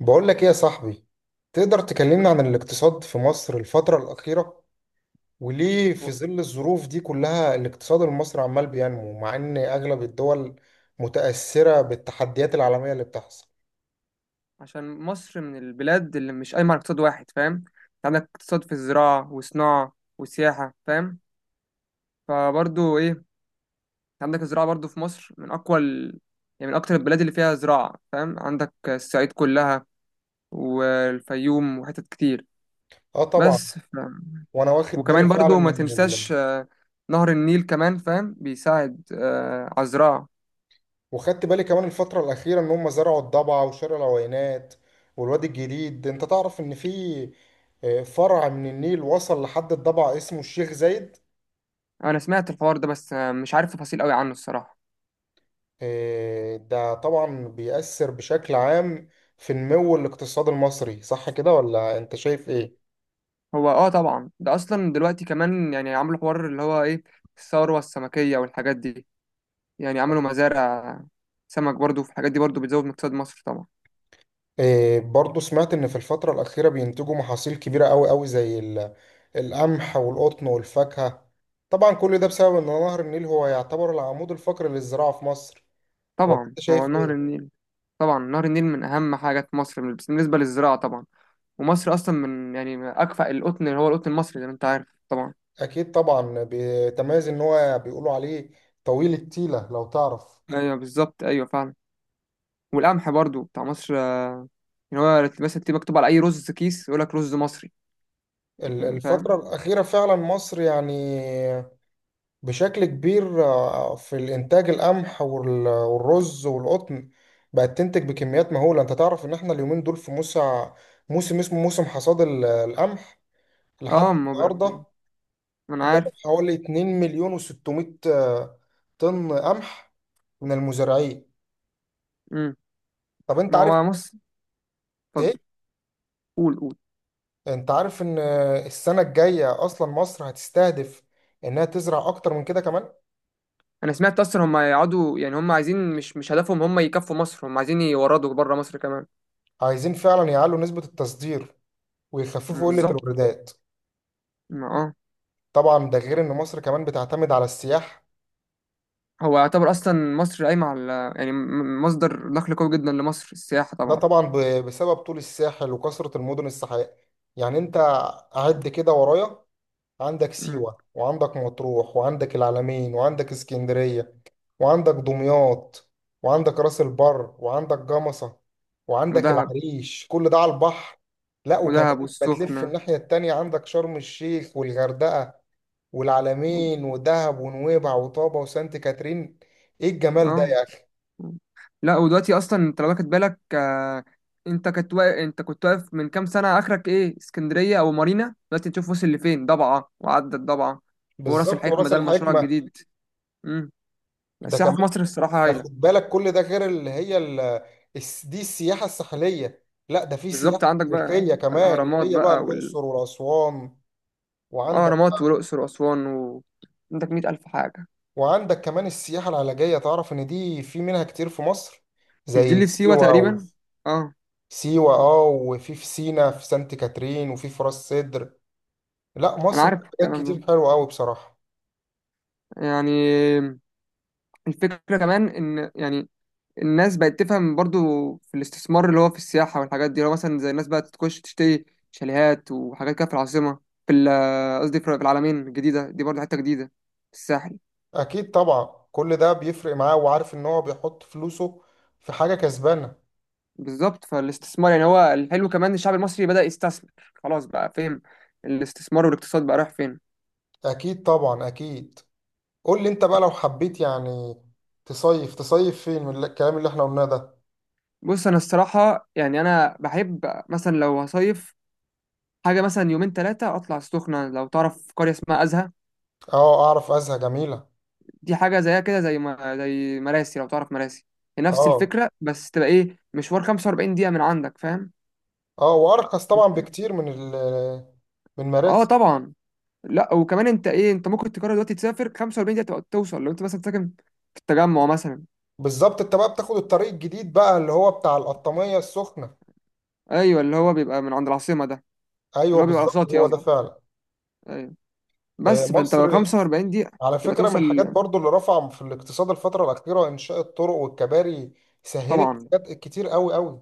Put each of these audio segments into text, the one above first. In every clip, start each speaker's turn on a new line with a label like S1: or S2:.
S1: بقول لك ايه يا صاحبي. تقدر تكلمنا
S2: وال-
S1: عن الاقتصاد في مصر الفترة الأخيرة، وليه في
S2: و-
S1: ظل الظروف دي كلها الاقتصاد المصري عمال بينمو مع ان اغلب الدول متأثرة بالتحديات العالمية اللي بتحصل؟
S2: عشان مصر من البلاد اللي مش قايمة على اقتصاد واحد. فاهم؟ انت عندك اقتصاد في الزراعة وصناعة وسياحة، فاهم؟ فبرضو ايه انت عندك الزراعة برضو في مصر من أقوى يعني من أكتر البلاد اللي فيها زراعة، فاهم؟ عندك الصعيد كلها والفيوم وحتت كتير.
S1: اه طبعا.
S2: بس ف...
S1: وانا واخد بالي
S2: وكمان
S1: فعلا
S2: برضو ما
S1: ان
S2: تنساش آه، نهر النيل كمان فاهم بيساعد آه، على الزراعة.
S1: وخدت بالي كمان الفترة الأخيرة ان هم زرعوا الضبع وشارع العوينات والوادي الجديد. انت تعرف ان في فرع من النيل وصل لحد الضبع اسمه الشيخ زايد.
S2: أنا سمعت الحوار ده، بس آه، مش عارف تفاصيل قوي عنه الصراحة.
S1: إيه، ده طبعا بيأثر بشكل عام في نمو الاقتصاد المصري، صح كده ولا انت شايف ايه؟
S2: هو اه طبعا ده اصلا دلوقتي كمان يعني عملوا حوار اللي هو ايه، الثروه السمكيه والحاجات دي. يعني عملوا مزارع سمك، برضو في الحاجات دي برضو بتزود من اقتصاد مصر طبعا.
S1: إيه، برضو سمعت ان في الفترة الأخيرة بينتجوا محاصيل كبيرة قوي قوي زي القمح والقطن والفاكهة. طبعا كل ده بسبب ان نهر النيل هو يعتبر العمود الفقري للزراعة في مصر، ولا
S2: طبعا
S1: انت
S2: هو
S1: شايف
S2: نهر
S1: ايه؟
S2: النيل. طبعا نهر النيل من اهم حاجه في مصر بس بالنسبه للزراعه طبعا. ومصر اصلا من يعني اكفأ القطن اللي هو القطن المصري زي ما انت عارف طبعا.
S1: اكيد طبعا. بتميز ان هو بيقولوا عليه طويل التيلة لو تعرف.
S2: ايوه بالظبط، ايوه فعلا. والقمح برضو بتاع مصر آه، يعني هو مثلا تبقى مكتوب على اي رز كيس يقول لك رز مصري. يعني
S1: الفترة
S2: فاهم.
S1: الأخيرة فعلا مصر يعني بشكل كبير، في الإنتاج القمح والرز والقطن، بقت تنتج بكميات مهولة. أنت تعرف إن إحنا اليومين دول في موسم اسمه موسم حصاد القمح. لحد
S2: اه ما بيبقى في-
S1: النهاردة
S2: ما انا
S1: جابوا
S2: عارف.
S1: حوالي 2 مليون و600 طن قمح من المزارعين.
S2: امم.
S1: طب أنت
S2: ما
S1: عارف؟
S2: هو مصر.
S1: إيه؟
S2: قول، قول.
S1: أنت عارف إن السنة الجاية أصلا مصر هتستهدف إنها تزرع أكتر من كده كمان.
S2: انا سمعت اصلا هم هيقعدوا يعني هم عايزين، مش هدفهم هم يكفوا مصر، هم عايزين يوردوا بره مصر كمان.
S1: عايزين فعلا يعلوا نسبة التصدير ويخففوا قلة
S2: بالظبط.
S1: الواردات.
S2: ما اه.
S1: طبعا ده غير ان مصر كمان بتعتمد على السياح.
S2: هو يعتبر اصلا مصر قايمه على يعني مصدر دخل قوي جدا لمصر السياحه
S1: ده
S2: طبعا.
S1: طبعا بسبب طول الساحل وكثرة المدن الساحلية. يعني انت عد كده ورايا: عندك
S2: مم.
S1: سيوة، وعندك مطروح، وعندك العلمين، وعندك اسكندرية، وعندك دمياط، وعندك راس البر، وعندك جمصة، وعندك
S2: ودهب.
S1: العريش، كل ده على البحر. لا وكمان
S2: ودهب
S1: بتلف
S2: والسخنه.
S1: الناحية التانية عندك شرم الشيخ والغردقة
S2: و-
S1: والعلمين ودهب ونويبع وطابة وسانت كاترين. ايه الجمال ده
S2: اه.
S1: يا!
S2: لا ودلوقتي اصلا انت لو واخد بالك آه، انت كنت واقف من كام سنه، اخرك ايه، اسكندريه او مارينا. دلوقتي تشوف وصل لفين، ضبعه وعدت ضبعه. وراس
S1: بالظبط،
S2: الحكمه
S1: وراس
S2: ده المشروع
S1: الحكمة
S2: الجديد. امم.
S1: ده
S2: السياحه
S1: كمان.
S2: في مصر الصراحه
S1: ده
S2: هايله.
S1: خد بالك كل ده غير اللي هي دي السياحة الساحلية. لا ده في سياحة
S2: بالظبط. عندك بقى
S1: تاريخية كمان اللي
S2: الأهرامات
S1: هي بقى
S2: بقى وال،
S1: الأقصر وأسوان.
S2: آه،
S1: وعندك،
S2: أهرامات والأقصر وأسوان عندك مئة ألف حاجة.
S1: وعندك كمان السياحة العلاجية. تعرف إن دي في منها كتير في مصر،
S2: مش دي
S1: زي
S2: اللي في سيوة
S1: سيوة
S2: تقريبا؟ اه.
S1: سيوة اه، وفي في سينا في سانت كاترين، وفي في راس سدر. لا
S2: أنا
S1: مصر في
S2: عارف
S1: حاجات
S2: الكلام ده.
S1: كتير حلوة أوي بصراحة.
S2: يعني الفكرة كمان إن يعني الناس بقت تفهم برضو في الاستثمار اللي هو في السياحة والحاجات دي. لو مثلا زي الناس بقى تخش تشتري شاليهات وحاجات كده في العاصمة، قصدي في العالمين الجديدة دي برضو حتة جديدة في الساحل.
S1: أكيد طبعا كل ده بيفرق معاه، وعارف إن هو بيحط فلوسه في حاجة كسبانة.
S2: بالظبط. فالاستثمار يعني هو الحلو، كمان الشعب المصري بدأ يستثمر، خلاص بقى، فاهم، الاستثمار والاقتصاد بقى رايح فين.
S1: اكيد طبعا اكيد. قول لي انت بقى لو حبيت يعني تصيف فين من الكلام اللي احنا قلناه ده؟
S2: بص انا الصراحة يعني انا بحب مثلا لو هصيف حاجة مثلا يومين ثلاثة اطلع السخنة. لو تعرف قرية اسمها أزهى،
S1: اه اعرف ازهى، جميله.
S2: دي حاجة زيها كده زي ما زي مراسي. لو تعرف مراسي، هي نفس
S1: اه.
S2: الفكرة، بس تبقى ايه، مشوار 45 دقيقة من عندك، فاهم.
S1: اه وارخص طبعا بكتير من من
S2: اه
S1: مراسي.
S2: طبعا. لا وكمان انت ايه، انت ممكن تقرر دلوقتي تسافر 45 دقيقة تبقى توصل، لو انت مثلا ساكن في التجمع مثلا.
S1: بالظبط، انت بقى بتاخد الطريق الجديد بقى اللي هو بتاع القطامية السخنة.
S2: ايوه اللي هو بيبقى من عند العاصمة ده.
S1: ايوه
S2: اللي هو بيبقى
S1: بالظبط
S2: وسطي
S1: هو ده
S2: قصدك.
S1: فعلا.
S2: ايوه. بس فانت لو
S1: مصر
S2: 45 دقيقة
S1: على
S2: تبقى
S1: فكرة من
S2: توصل.
S1: الحاجات برضو اللي رفع في الاقتصاد الفترة الأخيرة إنشاء الطرق والكباري، سهلت
S2: طبعا.
S1: حاجات كتير قوي قوي.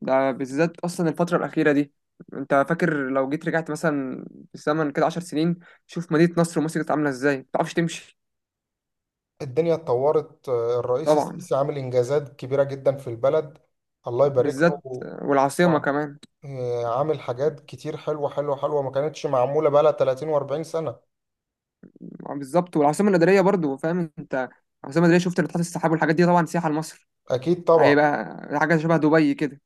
S2: ده بالذات اصلا الفترة الأخيرة دي، انت فاكر لو جيت رجعت مثلا بالزمن كده 10 سنين، شوف مدينة نصر ومصر كانت عاملة ازاي ما تعرفش تمشي.
S1: الدنيا اتطورت، الرئيس
S2: طبعا.
S1: السيسي عامل إنجازات كبيرة جدا في البلد. الله يبارك
S2: بالذات.
S1: له.
S2: والعاصمة
S1: طبعا
S2: كمان.
S1: عامل حاجات كتير حلوة حلوة حلوة ما كانتش معمولة بقالها 30 و40 سنة.
S2: بالظبط، والعاصمة الإدارية برضو، فاهم انت، العاصمة الإدارية شفت ناطحات السحاب والحاجات دي طبعا سياحة لمصر.
S1: أكيد طبعا.
S2: هيبقى حاجة شبه دبي كده.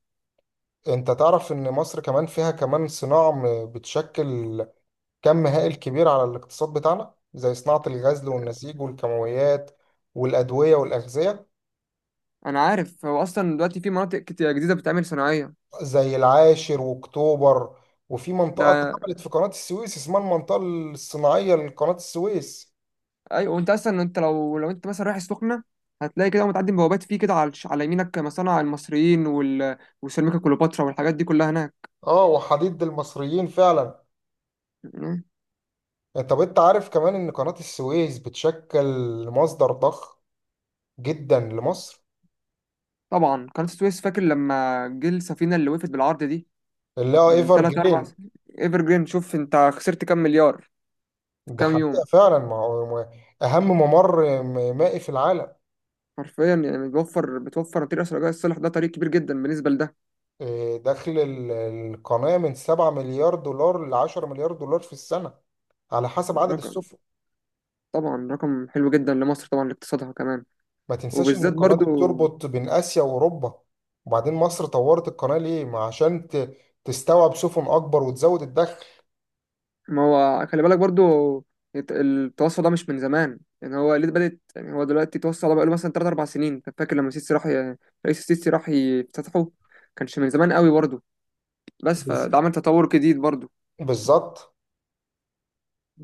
S1: أنت تعرف إن مصر كمان فيها كمان صناعة بتشكل كم هائل كبير على الاقتصاد بتاعنا، زي صناعة الغزل والنسيج والكيماويات والأدوية والأغذية.
S2: انا عارف، هو اصلا دلوقتي في مناطق كتير جديدة بتتعمل صناعية.
S1: زي العاشر وأكتوبر، وفي منطقة
S2: ده
S1: اتعملت في قناة السويس اسمها المنطقة الصناعية لقناة السويس.
S2: ايوه. وانت اصلا انت لو انت مثلا رايح السخنه، هتلاقي كده متعدي بوابات فيه كده على على يمينك مصانع المصريين وسيراميكا كليوباترا والحاجات دي كلها هناك.
S1: اه وحديد المصريين فعلا.
S2: مم.
S1: طب انت عارف كمان ان قناة السويس بتشكل مصدر ضخم جدا لمصر،
S2: طبعا قناه السويس، فاكر لما جه السفينه اللي وقفت بالعرض دي
S1: اللي هو
S2: من
S1: ايفر
S2: 3 4،
S1: جرين.
S2: ايفر جرين، شوف انت خسرت كام مليار في
S1: ده
S2: كام
S1: حقيقة
S2: يوم.
S1: فعلا. ما هو اهم ممر مائي في العالم.
S2: حرفيا يعني بتوفر طريق اسرع. رجاء الصالح ده طريق كبير جدا بالنسبه لده.
S1: إيه، دخل القناة من 7 مليار دولار ل 10 مليار دولار في السنة، على حسب عدد
S2: رقم.
S1: السفن.
S2: طبعا رقم حلو جدا لمصر طبعا، لاقتصادها كمان.
S1: ما تنساش ان
S2: وبالذات
S1: القناة
S2: برضو.
S1: دي بتربط بين اسيا واوروبا. وبعدين مصر طورت القناة ليه؟ ما عشان تستوعب سفن اكبر وتزود الدخل.
S2: ما هو خلي بالك برضو، التوسع ده مش من زمان، يعني هو ليه بدأت يعني هو دلوقتي التوسع ده بقاله مثلا 3 4 سنين. انت فاكر لما السيسي راح رئيس السيسي راح يفتتحه، كانش من زمان قوي برضو. بس
S1: بز-
S2: فده عمل تطور جديد برضو.
S1: بالظبط.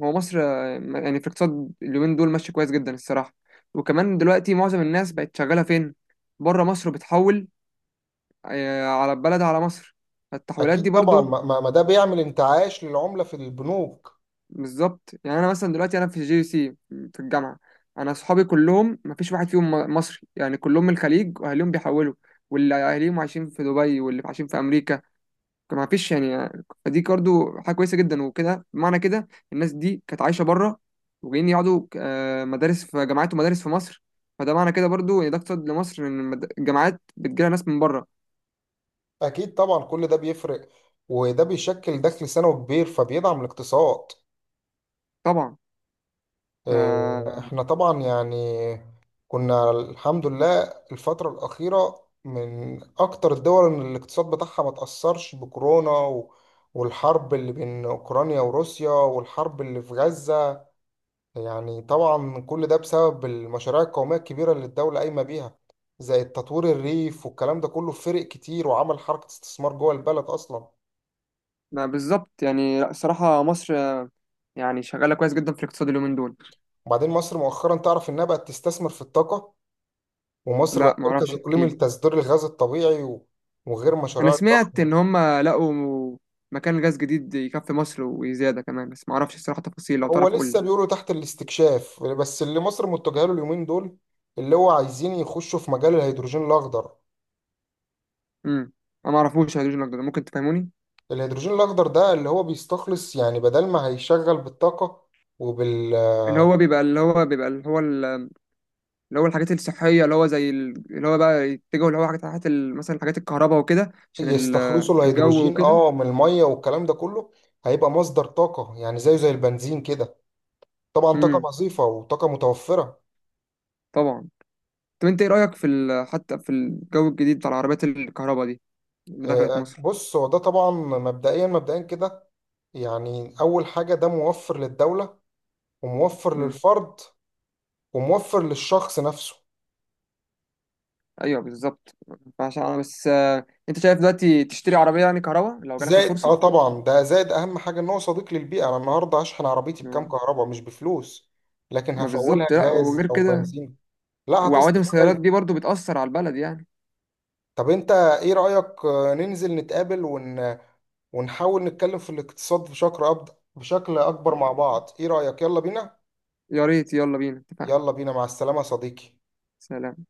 S2: هو مصر آه، يعني في الاقتصاد اليومين دول ماشي كويس جدا الصراحة. وكمان دلوقتي معظم الناس بقت شغالة فين، بره مصر، بتحول آه، على البلد على مصر. فالتحويلات دي
S1: اكيد طبعا،
S2: برضو.
S1: ما ده بيعمل انتعاش للعمله في البنوك.
S2: بالظبط. يعني انا مثلا دلوقتي انا في جي سي في الجامعه، انا اصحابي كلهم ما فيش واحد فيهم مصري، يعني كلهم من الخليج واهاليهم بيحولوا، واللي اهاليهم عايشين في دبي واللي عايشين في امريكا. ما فيش يعني. فدي برضه حاجه كويسه جدا، وكده بمعنى كده الناس دي كانت عايشه بره وجايين يقعدوا آه، مدارس في جامعات ومدارس في مصر. فده معنى كده برضه ان ده اقتصاد لمصر، ان الجامعات بتجيلها ناس من بره.
S1: اكيد طبعا كل ده بيفرق، وده بيشكل دخل سنوي كبير فبيدعم الاقتصاد.
S2: طبعا. ف.
S1: احنا طبعا يعني كنا الحمد لله الفتره الاخيره من اكتر الدول ان الاقتصاد بتاعها ما تاثرش بكورونا والحرب اللي بين اوكرانيا وروسيا والحرب اللي في غزه. يعني طبعا كل ده بسبب المشاريع القومية الكبيرة اللي الدولة قايمة بيها، زي التطوير الريف والكلام ده كله فرق كتير وعمل حركة استثمار جوه البلد أصلا.
S2: ما بالظبط يعني. لا الصراحه مصر يعني شغاله كويس جدا في الاقتصاد اليومين دول.
S1: وبعدين مصر مؤخرا تعرف إنها بقت تستثمر في الطاقة، ومصر
S2: لا
S1: بقت
S2: ما
S1: مركز
S2: اعرفش،
S1: إقليمي
S2: احكيلي.
S1: لتصدير الغاز الطبيعي وغير
S2: انا
S1: مشاريع
S2: سمعت ان
S1: الضخمة.
S2: هم لقوا مكان غاز جديد يكفي مصر وزياده كمان، بس ما اعرفش الصراحه تفاصيل، لو
S1: هو
S2: تعرف قول
S1: لسه
S2: لي.
S1: بيقولوا تحت الاستكشاف، بس اللي مصر متجهة له اليومين دول اللي هو عايزين يخشوا في مجال الهيدروجين الأخضر.
S2: امم. انا ما اعرفوش الهيدروجين الاخضر ده، ممكن تفهموني؟
S1: الهيدروجين الأخضر ده اللي هو بيستخلص، يعني بدل ما هيشغل بالطاقة وبال
S2: اللي هو بيبقى اللي هو بيبقى اللي هو ال- اللي هو الحاجات الصحيه، اللي هو زي اللي هو بقى يتجهوا، اللي هو حاجات، حاجات مثلا حاجات الكهرباء وكده عشان
S1: يستخلصوا
S2: الجو
S1: الهيدروجين
S2: وكده.
S1: اه من الميه والكلام ده كله. هيبقى مصدر طاقه يعني زيه زي البنزين كده، طبعا طاقه
S2: امم.
S1: نظيفه وطاقه متوفره.
S2: طبعا. طب انت ايه رايك في حتى في الجو الجديد بتاع العربيات الكهرباء دي اللي دخلت مصر.
S1: بص، هو ده طبعا مبدئيا كده يعني اول حاجه ده موفر للدوله، وموفر للفرد، وموفر للشخص نفسه.
S2: ايوه بالظبط. فعشان انا بس آه، انت شايف دلوقتي تشتري عربيه يعني كهرباء لو جالك
S1: زائد اه
S2: الفرصه.
S1: طبعا ده زائد اهم حاجه ان هو صديق للبيئه. انا النهارده هشحن عربيتي بكام؟
S2: ما
S1: كهرباء مش بفلوس، لكن
S2: ما
S1: هفولها
S2: بالظبط. لا
S1: غاز
S2: وغير
S1: او
S2: كده،
S1: بنزين لا
S2: وعوادم
S1: هتصرف
S2: السيارات
S1: عليا.
S2: دي برضو بتأثر على البلد يعني.
S1: طب انت ايه رأيك ننزل نتقابل ونحاول نتكلم في الاقتصاد بشكل اكبر مع بعض؟ ايه رأيك؟ يلا بينا.
S2: يا ريت، يلا بينا، اتفقنا.
S1: يلا بينا مع السلامة يا صديقي.
S2: سلام.